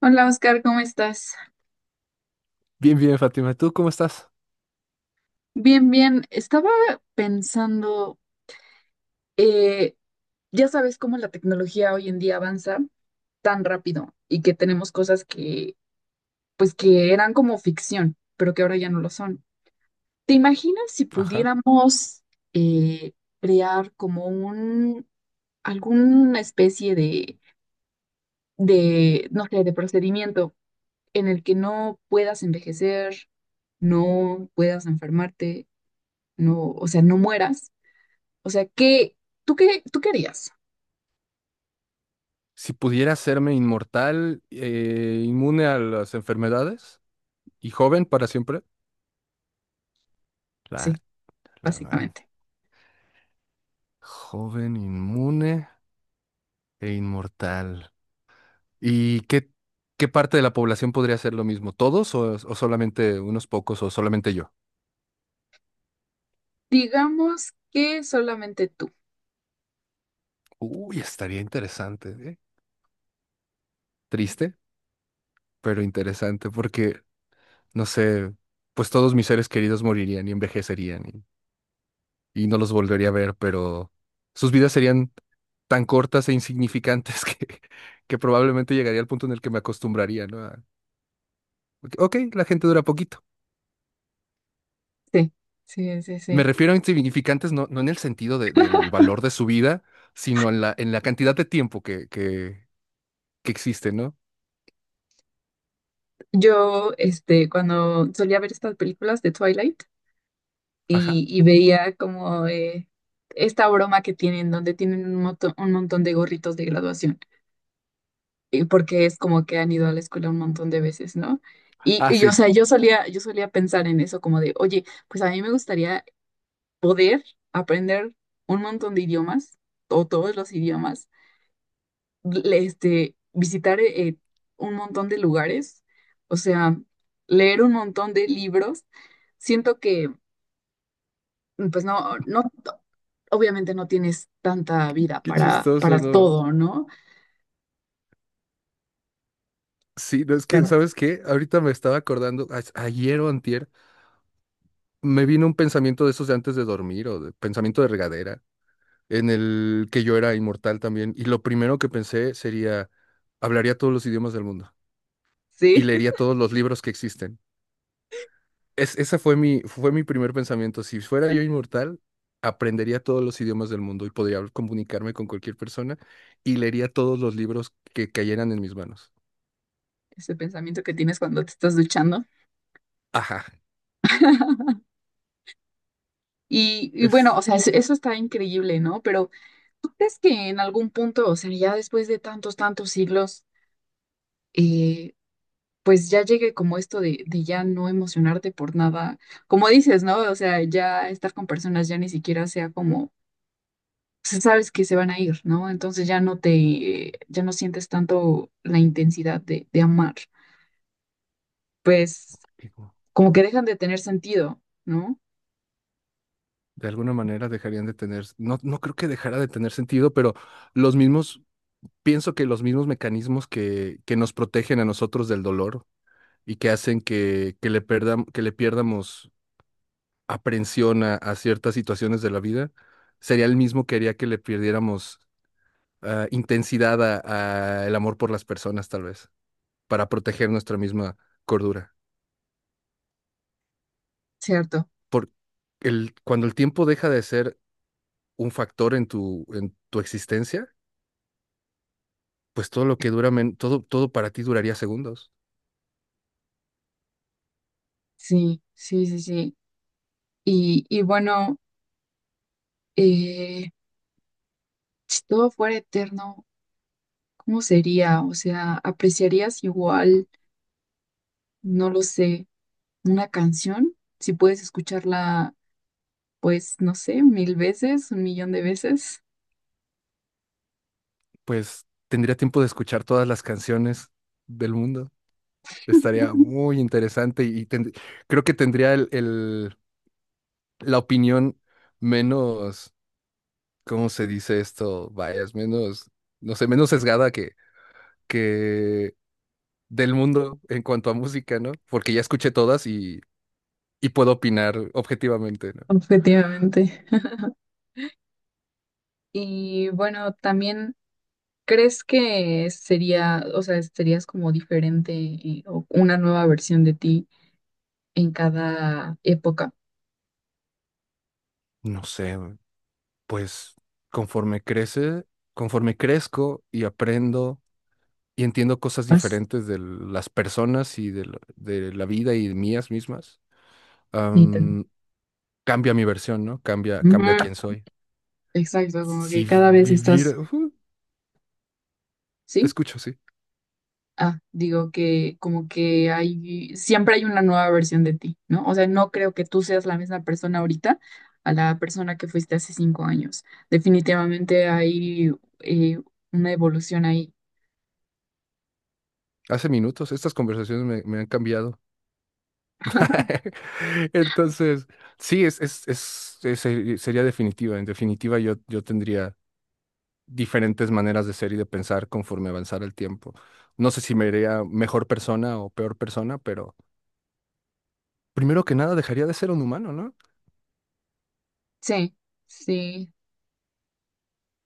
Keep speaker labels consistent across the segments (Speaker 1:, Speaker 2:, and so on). Speaker 1: Hola Oscar, ¿cómo estás?
Speaker 2: Bien, bien, Fátima. ¿Tú cómo estás?
Speaker 1: Bien, bien. Estaba pensando, eh, ya sabes cómo la tecnología hoy en día avanza tan rápido y que tenemos cosas que, pues, que eran como ficción, pero que ahora ya no lo son. ¿Te imaginas si
Speaker 2: Ajá.
Speaker 1: pudiéramos eh, crear como un, alguna especie de, no sé, de procedimiento en el que no puedas envejecer, no puedas enfermarte, no, o sea, ¿no mueras? O sea, ¿qué, tú qué harías?
Speaker 2: Si pudiera hacerme inmortal, inmune a las enfermedades y joven para siempre. La,
Speaker 1: Sí,
Speaker 2: la madre.
Speaker 1: básicamente.
Speaker 2: Joven, inmune e inmortal. ¿Y qué, qué parte de la población podría hacer lo mismo? ¿Todos o solamente unos pocos o solamente yo?
Speaker 1: Digamos que solamente tú.
Speaker 2: Uy, estaría interesante, ¿eh? Triste, pero interesante porque no sé, pues todos mis seres queridos morirían y envejecerían y no los volvería a ver, pero sus vidas serían tan cortas e insignificantes que probablemente llegaría al punto en el que me acostumbraría, ¿no? Ok, ok, la gente dura poquito.
Speaker 1: Sí, sí, sí,
Speaker 2: Me
Speaker 1: sí.
Speaker 2: refiero a insignificantes no en el sentido del valor de su vida, sino en en la cantidad de tiempo que existe, ¿no?
Speaker 1: Yo, este, cuando solía ver estas películas de Twilight
Speaker 2: Ajá.
Speaker 1: y veía como esta broma que tienen, donde tienen un, un montón de gorritos de graduación, y porque es como que han ido a la escuela un montón de veces, ¿no?
Speaker 2: Ah,
Speaker 1: O
Speaker 2: sí.
Speaker 1: sea, yo solía pensar en eso como de, oye, pues a mí me gustaría poder aprender un montón de idiomas o todos los idiomas, este, visitar un montón de lugares, o sea, leer un montón de libros. Siento que, pues no, obviamente no tienes tanta vida
Speaker 2: Qué chistoso,
Speaker 1: para
Speaker 2: ¿no?
Speaker 1: todo, ¿no?
Speaker 2: Sí, no, es que, ¿sabes qué? Ahorita me estaba acordando, ayer o antier, me vino un pensamiento de esos de antes de dormir o de pensamiento de regadera en el que yo era inmortal también. Y lo primero que pensé sería, hablaría todos los idiomas del mundo y
Speaker 1: Sí,
Speaker 2: leería todos los libros que existen. Ese fue fue mi primer pensamiento. Si fuera yo inmortal, aprendería todos los idiomas del mundo y podría comunicarme con cualquier persona y leería todos los libros que cayeran en mis manos.
Speaker 1: ese pensamiento que tienes cuando te estás duchando.
Speaker 2: Ajá. Es,
Speaker 1: Bueno, o sea, eso está increíble, ¿no? Pero ¿tú crees que en algún punto, o sea, ya después de tantos siglos, eh, pues ya llegue como esto de ya no emocionarte por nada, como dices, ¿no? O sea, ya estar con personas ya ni siquiera sea como, pues, sabes que se van a ir, ¿no? Entonces ya no te, ya no sientes tanto la intensidad de amar, pues
Speaker 2: digo,
Speaker 1: como que dejan de tener sentido, ¿no?
Speaker 2: de alguna manera dejarían de tener, no, no creo que dejara de tener sentido, pero los mismos... Pienso que los mismos mecanismos que nos protegen a nosotros del dolor y que hacen que le que le pierdamos aprensión a ciertas situaciones de la vida, sería el mismo que haría que le perdiéramos intensidad a el amor por las personas, tal vez, para proteger nuestra misma cordura.
Speaker 1: Cierto,
Speaker 2: Por cuando el tiempo deja de ser un factor en en tu existencia, pues todo lo que dura, todo, todo para ti duraría segundos.
Speaker 1: sí, sí, sí, sí. Bueno, eh, si todo fuera eterno, ¿cómo sería? O sea, ¿apreciarías igual? No lo sé una canción, si puedes escucharla, pues, no sé, mil veces, un millón de veces.
Speaker 2: Pues tendría tiempo de escuchar todas las canciones del mundo. Estaría muy interesante y creo que tendría la opinión menos, ¿cómo se dice esto? Vayas, menos, no sé, menos sesgada que del mundo en cuanto a música, ¿no? Porque ya escuché todas y puedo opinar objetivamente, ¿no?
Speaker 1: Objetivamente. Y bueno, también, ¿crees que sería, o sea, serías como diferente o una nueva versión de ti en cada época?
Speaker 2: No sé, pues conforme crece, conforme crezco y aprendo y entiendo cosas
Speaker 1: Más
Speaker 2: diferentes de las personas y de la vida y de mías mismas.
Speaker 1: y
Speaker 2: Cambia mi versión, ¿no? Cambia,
Speaker 1: ujú,
Speaker 2: cambia quién soy.
Speaker 1: exacto, como que
Speaker 2: Si
Speaker 1: cada vez
Speaker 2: viviera,
Speaker 1: estás,
Speaker 2: ujú, te
Speaker 1: ¿sí?
Speaker 2: escucho, sí.
Speaker 1: Ah, digo que como que hay, siempre hay una nueva versión de ti, ¿no? O sea, no creo que tú seas la misma persona ahorita a la persona que fuiste hace 5 años. Definitivamente hay eh, una evolución ahí.
Speaker 2: Hace minutos, estas conversaciones me han cambiado. Entonces, sí, sería definitiva. En definitiva, yo tendría diferentes maneras de ser y de pensar conforme avanzara el tiempo. No sé si me haría mejor persona o peor persona, pero primero que nada dejaría de ser un humano, ¿no?
Speaker 1: Sí, sí.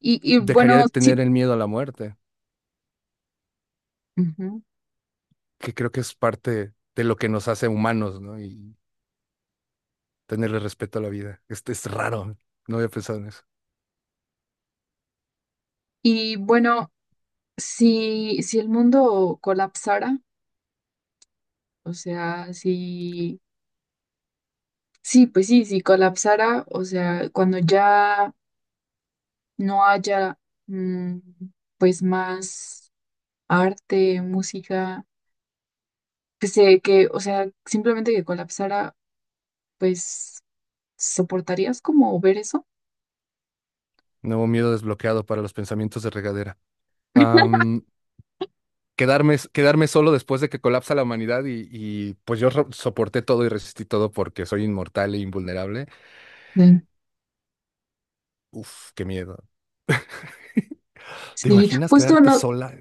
Speaker 2: Dejaría
Speaker 1: Bueno,
Speaker 2: de tener
Speaker 1: sí.
Speaker 2: el miedo a la muerte,
Speaker 1: Ujú.
Speaker 2: que creo que es parte de lo que nos hace humanos, ¿no? Y tenerle respeto a la vida. Este es raro. No había pensado en eso.
Speaker 1: Y bueno, si el mundo colapsara, o sea, si, sí, pues sí, si colapsara, o sea, cuando ya no haya, mm, pues más arte, música, pues que, o sea, simplemente que colapsara, pues, ¿soportarías como ver eso?
Speaker 2: Nuevo miedo desbloqueado para los pensamientos de regadera. Am, quedarme solo después de que colapsa la humanidad y, pues yo soporté todo y resistí todo porque soy inmortal e invulnerable.
Speaker 1: Sí.
Speaker 2: Uf, qué miedo. ¿Te
Speaker 1: Sí,
Speaker 2: imaginas
Speaker 1: justo
Speaker 2: quedarte
Speaker 1: no,
Speaker 2: sola?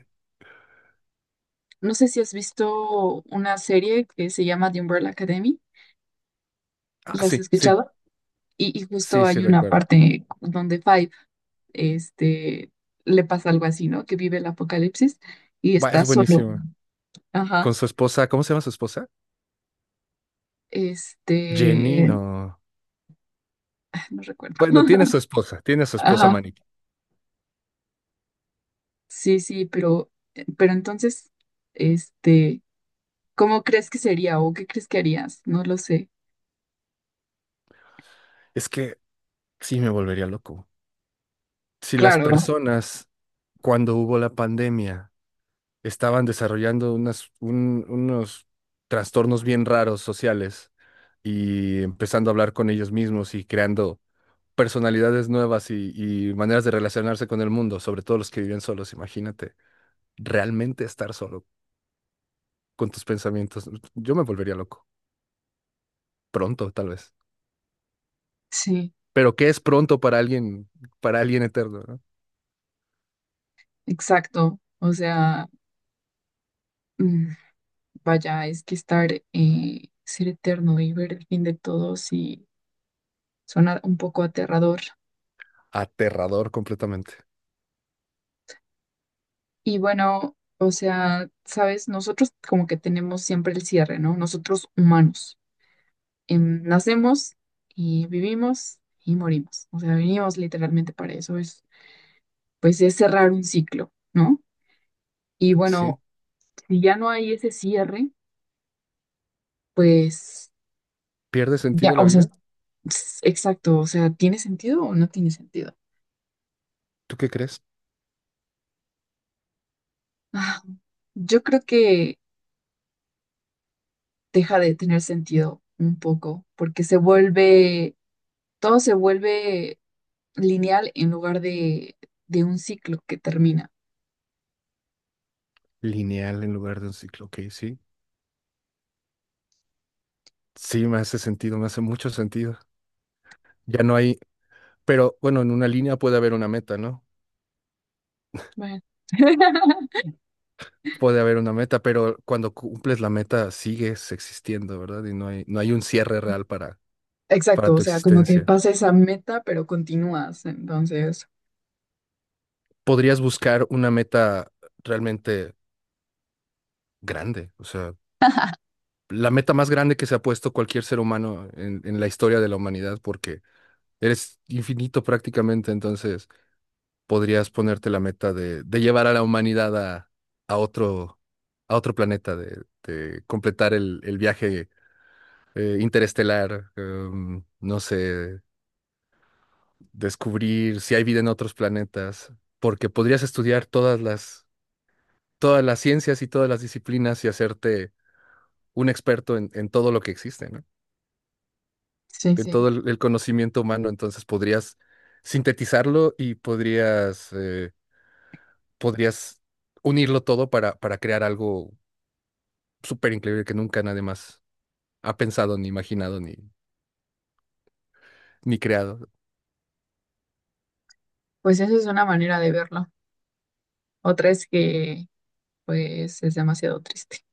Speaker 1: no sé si has visto una serie que se llama The Umbrella Academy,
Speaker 2: Ah,
Speaker 1: ¿las has
Speaker 2: sí, sí,
Speaker 1: escuchado? Justo
Speaker 2: sí, sí,
Speaker 1: hay una
Speaker 2: recuerdo.
Speaker 1: parte donde Five, este, le pasa algo así, ¿no? Que vive el apocalipsis y
Speaker 2: Buah,
Speaker 1: está
Speaker 2: es
Speaker 1: solo.
Speaker 2: buenísima.
Speaker 1: Ajá.
Speaker 2: Con su esposa, ¿cómo se llama su esposa? Jenny,
Speaker 1: Este,
Speaker 2: no.
Speaker 1: no recuerdo.
Speaker 2: Bueno, tiene su esposa
Speaker 1: Ajá.
Speaker 2: Manique.
Speaker 1: Sí, sí, pero entonces, este, ¿cómo crees que sería o qué crees que harías? No lo sé.
Speaker 2: Es que sí me volvería loco. Si las
Speaker 1: Claro,
Speaker 2: personas, cuando hubo la pandemia, estaban desarrollando unos trastornos bien raros sociales y empezando a hablar con ellos mismos y creando personalidades nuevas y maneras de relacionarse con el mundo, sobre todo los que viven solos, imagínate, realmente estar solo con tus pensamientos. Yo me volvería loco, pronto tal vez.
Speaker 1: sí,
Speaker 2: Pero ¿qué es pronto para alguien eterno, ¿no?
Speaker 1: exacto. O sea, mm, vaya, es que estar, ser eterno y ver el fin de todo sí suena un poco aterrador.
Speaker 2: Aterrador completamente.
Speaker 1: Y bueno, o sea, sabes, nosotros como que tenemos siempre el cierre, ¿no? Nosotros humanos, em, nacemos y vivimos y morimos. O sea, venimos literalmente para eso. Pues es cerrar un ciclo, ¿no? Y
Speaker 2: ¿Sí?
Speaker 1: bueno, si ya no hay ese cierre, pues
Speaker 2: ¿Pierde
Speaker 1: ya,
Speaker 2: sentido la
Speaker 1: o sea,
Speaker 2: vida?
Speaker 1: exacto, o sea, ¿tiene sentido o no tiene sentido?
Speaker 2: ¿Tú qué crees?
Speaker 1: Ah, yo creo que deja de tener sentido un poco, porque se vuelve, todo se vuelve lineal en lugar de un ciclo que termina.
Speaker 2: Lineal en lugar de un ciclo. Ok, sí. Sí, me hace sentido, me hace mucho sentido. Ya no hay, pero bueno, en una línea puede haber una meta, ¿no?
Speaker 1: Bueno.
Speaker 2: Puede haber una meta, pero cuando cumples la meta sigues existiendo, ¿verdad? Y no hay, no hay un cierre real para para
Speaker 1: Exacto, o
Speaker 2: tu
Speaker 1: sea, como que
Speaker 2: existencia.
Speaker 1: pasa esa meta, pero continúas, entonces,
Speaker 2: Podrías buscar una meta realmente grande, o sea, la meta más grande que se ha puesto cualquier ser humano en la historia de la humanidad, porque eres infinito prácticamente, entonces podrías ponerte la meta de llevar a la humanidad a otro, a otro planeta, de completar el viaje interestelar, em, no sé, descubrir si hay vida en otros planetas, porque podrías estudiar todas las ciencias y todas las disciplinas y hacerte un experto en todo lo que existe, ¿no?
Speaker 1: sí,
Speaker 2: En
Speaker 1: sí,
Speaker 2: todo el conocimiento humano, entonces podrías sintetizarlo y podrías, podrías unirlo todo para crear algo súper increíble que nunca nadie más ha pensado, ni imaginado, ni creado.
Speaker 1: pues esa es una manera de verlo. Otra es que, pues, es demasiado triste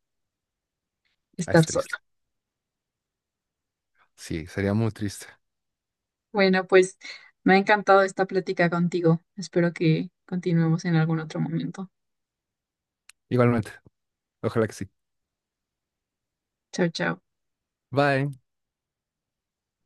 Speaker 2: Ah,
Speaker 1: estar
Speaker 2: es triste.
Speaker 1: sola.
Speaker 2: Sí, sería muy triste.
Speaker 1: Bueno, pues, me ha encantado esta plática contigo. Espero que continuemos en algún otro momento.
Speaker 2: Igualmente, ojalá que sí.
Speaker 1: Chao, chao.
Speaker 2: Bye.